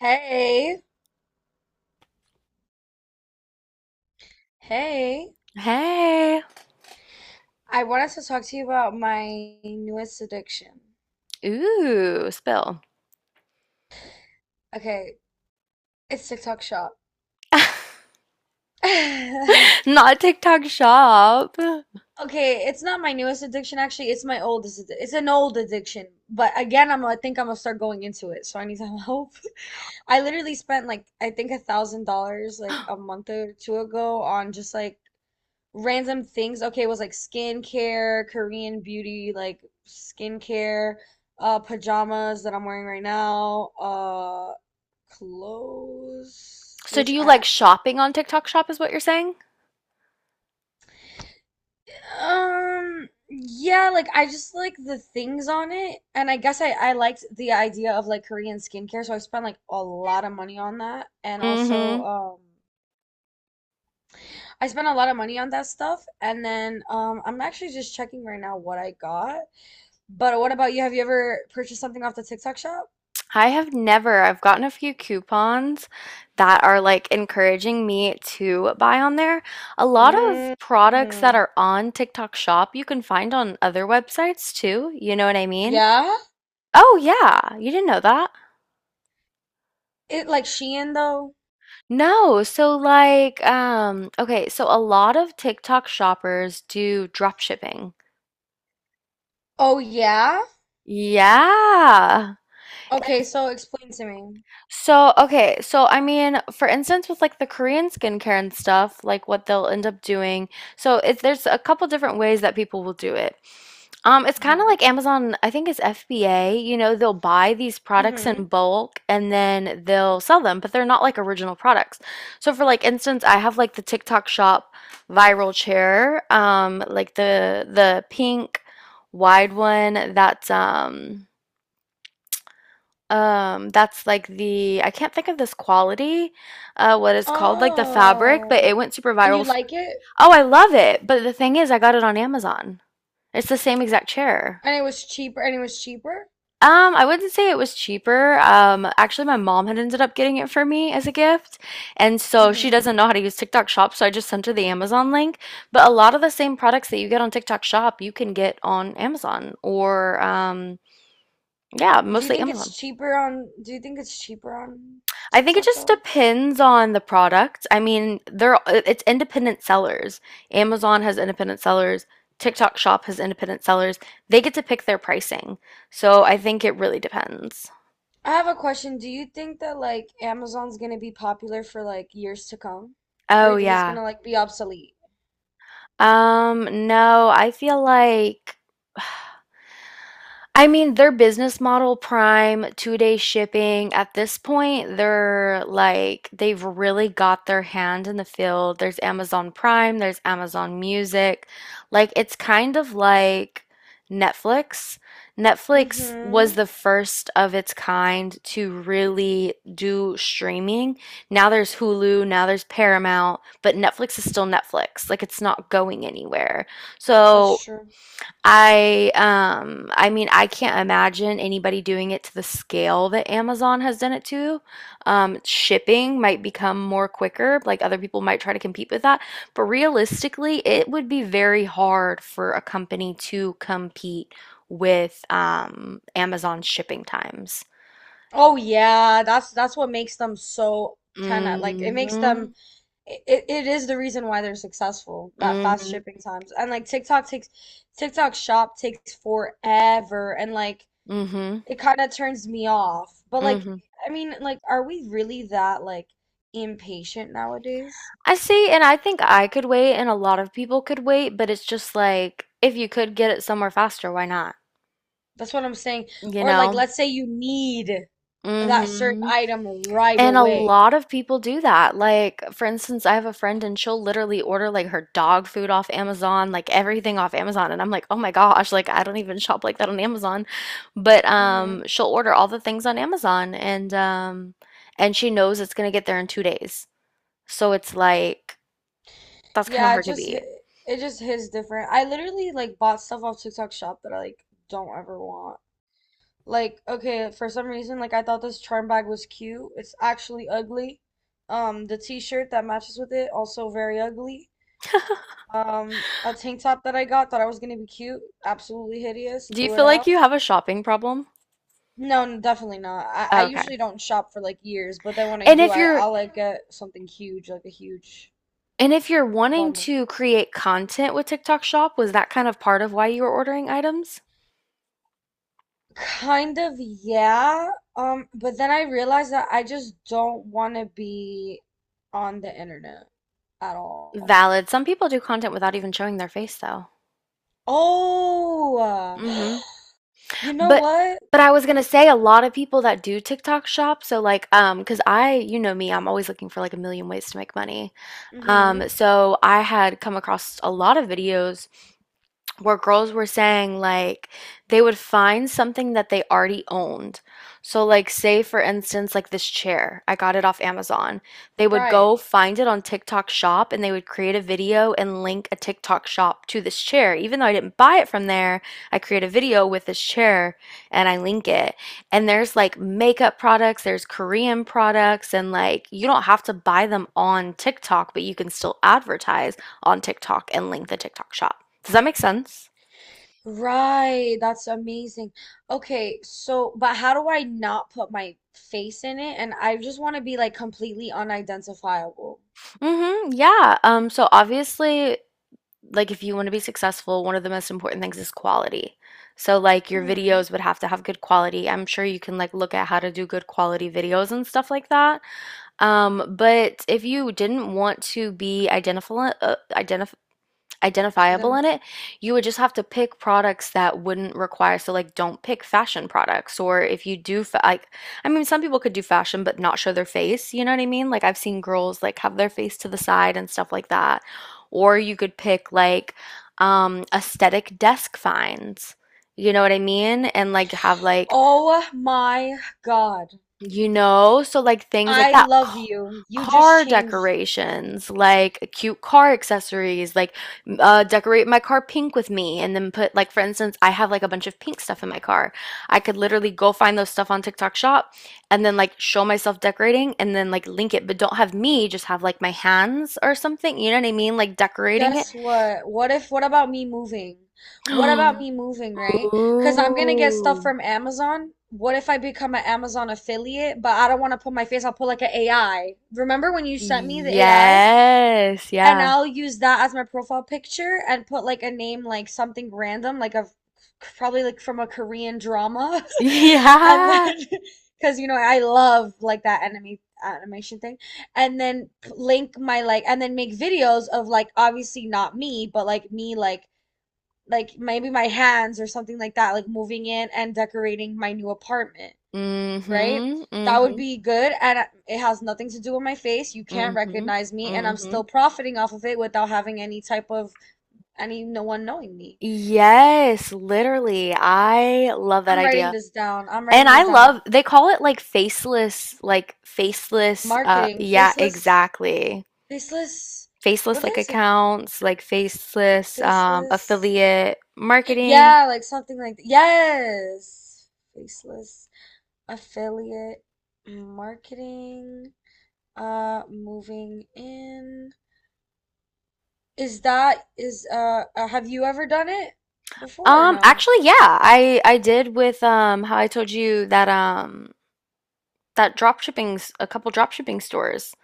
Hey, hey. Hey. I wanted to talk to you about my newest addiction. Ooh, spill. Okay, it's TikTok Shop. Not TikTok shop. Okay, it's not my newest addiction actually. It's my oldest. It's an old addiction, but again, I think I'm gonna start going into it, so I need some help. I literally spent like I think $1,000 like a month or two ago on just like random things. Okay, it was like skincare, Korean beauty, like skincare, pajamas that I'm wearing right now, clothes, So do which you like shopping on TikTok shop is what you're saying? Yeah, like I just like the things on it, and I guess I liked the idea of like Korean skincare, so I spent like a lot of money on that, and also Mm-hmm. I spent a lot of money on that stuff, and then I'm actually just checking right now what I got. But what about you? Have you ever purchased something off the TikTok shop? I have never. I've gotten a few coupons that are like encouraging me to buy on there. A lot Mm, of products that are on TikTok shop you can find on other websites too. You know what I mean? yeah? Oh yeah, you didn't know that. It like Shein though? No, so like, okay, so a lot of TikTok shoppers do drop shipping. Oh yeah? Yeah. Okay, so explain to me. So, okay, so I mean, for instance, with like the Korean skincare and stuff, like what they'll end up doing. So, it's there's a couple different ways that people will do it. It's kind of Hmm. like Amazon, I think it's FBA, they'll buy these products in Hmm. bulk and then they'll sell them, but they're not like original products. So for like instance, I have like the TikTok shop viral chair, like the pink wide one that's like the I can't think of this quality, what it's called, like the fabric, but Oh. it went super And viral. you F like it? Oh, I love it. But the thing is, I got it on Amazon. It's the same exact chair. And it was cheaper? I wouldn't say it was cheaper. Actually, my mom had ended up getting it for me as a gift, and so she Hmm. doesn't know how to use TikTok Shop, so I just sent her the Amazon link. But a lot of the same products that you get on TikTok Shop, you can get on Amazon or yeah, mostly Amazon. Do you think it's cheaper on I think it TikTok just though? depends on the product. I mean, they're it's independent sellers. Amazon has independent sellers. TikTok Shop has independent sellers. They get to pick their pricing. So I think it really depends. I have a question. Do you think that like Amazon's gonna be popular for like years to come? Or Oh you think it's yeah. gonna like be obsolete? No, I feel like I mean, their business model, Prime, 2-day shipping, at this point, they're like, they've really got their hand in the field. There's Amazon Prime, there's Amazon Music. Like, it's kind of like Netflix. Netflix Hmm. was the first of its kind to really do streaming. Now there's Hulu, now there's Paramount, but Netflix is still Netflix. Like, it's not going anywhere. That's So, true. I mean I can't imagine anybody doing it to the scale that Amazon has done it to. Shipping might become more quicker, like other people might try to compete with that, but realistically, it would be very hard for a company to compete with Amazon's shipping times. Oh yeah, that's what makes them so 10 at it makes them Hmm. It is the reason why they're successful, that fast Hmm. shipping times. And like TikTok shop takes forever and like Hmm. it kind of turns me off. But like Hmm. I mean like are we really that like impatient nowadays? I see, and I think I could wait, and a lot of people could wait, but it's just like if you could get it somewhere faster, why not? That's what I'm saying. You Or like know? let's say you need that certain Mhm. item right And a away. lot of people do that. Like, for instance, I have a friend and she'll literally order like her dog food off Amazon, like everything off Amazon. And I'm like, oh my gosh, like I don't even shop like that on Amazon. But Hmm. she'll order all the things on Amazon and she knows it's gonna get there in 2 days. So it's like that's kind of Yeah, it hard to just beat. It just hits different. I literally like bought stuff off TikTok shop that I like don't ever want. Like, okay, for some reason, like I thought this charm bag was cute. It's actually ugly. The t-shirt that matches with it, also very ugly. A tank top that I got, thought I was gonna be cute, absolutely hideous, Do you threw it feel like out. you have a shopping problem? No, definitely not. I Okay. usually don't shop for like years, but then when I And do, if you're I'll like get something huge, like a huge And if you're wanting bundle. to create content with TikTok Shop, was that kind of part of why you were ordering items? Kind of, yeah. But then I realized that I just don't want to be on the internet at all. Valid. Some people do content without even showing their face though. Oh, Mhm. you know But what? but I was Let me, gonna say a lot of people that do TikTok shop, so like cause I, you know me, I'm always looking for like a million ways to make money. Mm-hmm. So I had come across a lot of videos where girls were saying like they would find something that they already owned. So like say for instance like this chair, I got it off Amazon. They would Right. go find it on TikTok shop and they would create a video and link a TikTok shop to this chair. Even though I didn't buy it from there, I create a video with this chair and I link it. And there's like makeup products, there's Korean products and like you don't have to buy them on TikTok, but you can still advertise on TikTok and link the TikTok shop. Does that make sense? Right, that's amazing. Okay, so but how do I not put my face in it? And I just want to be like completely unidentifiable. Mm-hmm. Yeah. So obviously, like if you want to be successful, one of the most important things is quality. So like your Hmm. videos would have to have good quality. I'm sure you can like look at how to do good quality videos and stuff like that. But if you didn't want to be identifiable Then, in it, you would just have to pick products that wouldn't require. So, like, don't pick fashion products. Or if you do, like, I mean, some people could do fashion but not show their face. You know what I mean? Like, I've seen girls like have their face to the side and stuff like that. Or you could pick like aesthetic desk finds. You know what I mean? And like have like oh my God, so like things like I that, love you. You just car changed. decorations, like cute car accessories, like decorate my car pink with me, and then put like for instance, I have like a bunch of pink stuff in my car. I could literally go find those stuff on TikTok Shop, and then like show myself decorating, and then like link it, but don't have me, just have like my hands or something. You know what I mean? Like decorating it. Guess what? What if, What about me moving? What about me moving, Ooh. right? Because I'm gonna get stuff from Amazon. What if I become an Amazon affiliate, but I don't want to put my face, I'll put like an AI. Remember when you sent me the AI? Yes. And Yeah. I'll use that as my profile picture and put like a name like something random, like a probably like from a Korean drama. And Yeah. then because you know I love like that anime animation thing. And then p- link my like and then make videos of like obviously not me, but like me like maybe my hands or something like that, like moving in and decorating my new apartment, right? Mhm, That would mhm, be good, and it has nothing to do with my face. You can't mhm, recognize me, and I'm mhm. still profiting off of it without having any type of any no one knowing me. Yes, literally. I love that I'm writing idea. this down. I'm And writing I this down. love they call it like faceless Marketing, yeah, exactly. faceless. Faceless What like is it? accounts, like faceless Faceless. affiliate marketing. Yeah, like yes, faceless affiliate marketing. Moving in. Is that is have you ever done it before or no? Actually yeah, I did with how I told you that drop shipping a couple drop shipping stores.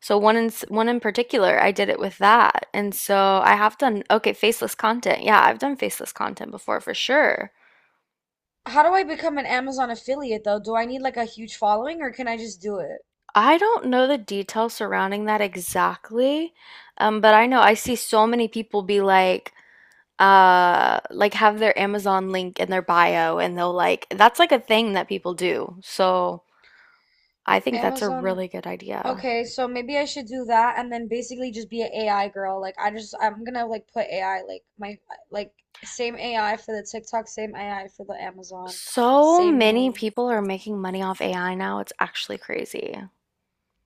So one in particular, I did it with that. And so I have done okay, faceless content. Yeah, I've done faceless content before for sure. How do I become an Amazon affiliate though? Do I need like a huge following or can I just do it? I don't know the details surrounding that exactly. But I know I see so many people be like have their Amazon link in their bio and they'll like that's like a thing that people do. So I think that's a Amazon. really good idea. Okay, so maybe I should do that and then basically just be an AI girl. I'm gonna like put AI like my like same AI for the TikTok, same AI for the Amazon, So same many name. people are making money off AI now. It's actually crazy.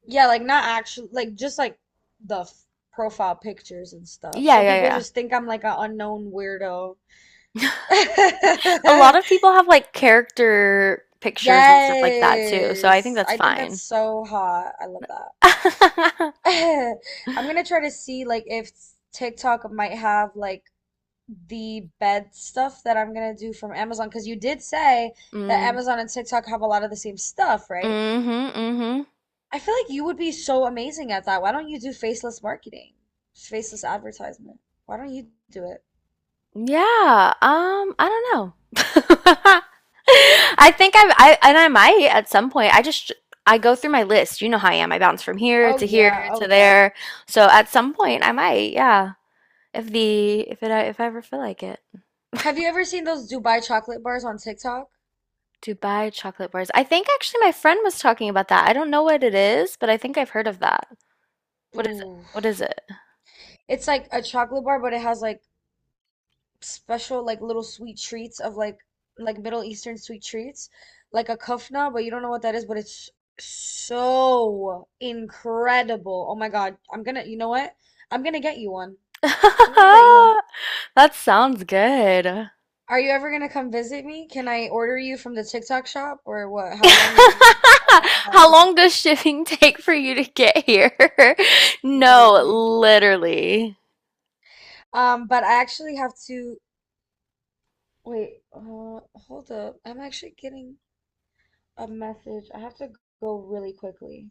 Yeah, like not actually, like just like the f profile pictures and stuff. Yeah, So yeah, people yeah. just think I'm like an unknown weirdo. A lot of people have like character pictures and stuff like that too. So I think Yes. that's I think that's fine. so hot. I love that. I'm gonna try to see like if TikTok might have like the bed stuff that I'm gonna do from Amazon, because you did say that Mm, Amazon and TikTok have a lot of the same stuff, right? mm-hmm, mm-hmm. I feel like you would be so amazing at that. Why don't you do faceless marketing? Faceless advertisement. Why don't you do it? Yeah. I don't know. I think and I might at some point. I go through my list. You know how I am. I bounce from here Oh to yeah, here oh to yeah. there. So at some point, I might. Yeah. If I ever feel like it. Have you ever seen those Dubai chocolate bars on TikTok? Dubai chocolate bars. I think actually my friend was talking about that. I don't know what it is, but I think I've heard of that. What is it? Ooh. What is it? It's like a chocolate bar, but it has like special like little sweet treats of like Middle Eastern sweet treats, like a kufna, but you don't know what that is, but it's so incredible. Oh my God. You know what? I'm gonna get you one. I'm gonna get you one. That sounds good. Are you ever gonna come visit me? Can I order you from the TikTok shop or what? How long would that How take? long does shipping take for you to get here? No, Literally. literally. But I actually have to wait, hold up. I'm actually getting a message. I have to go really quickly.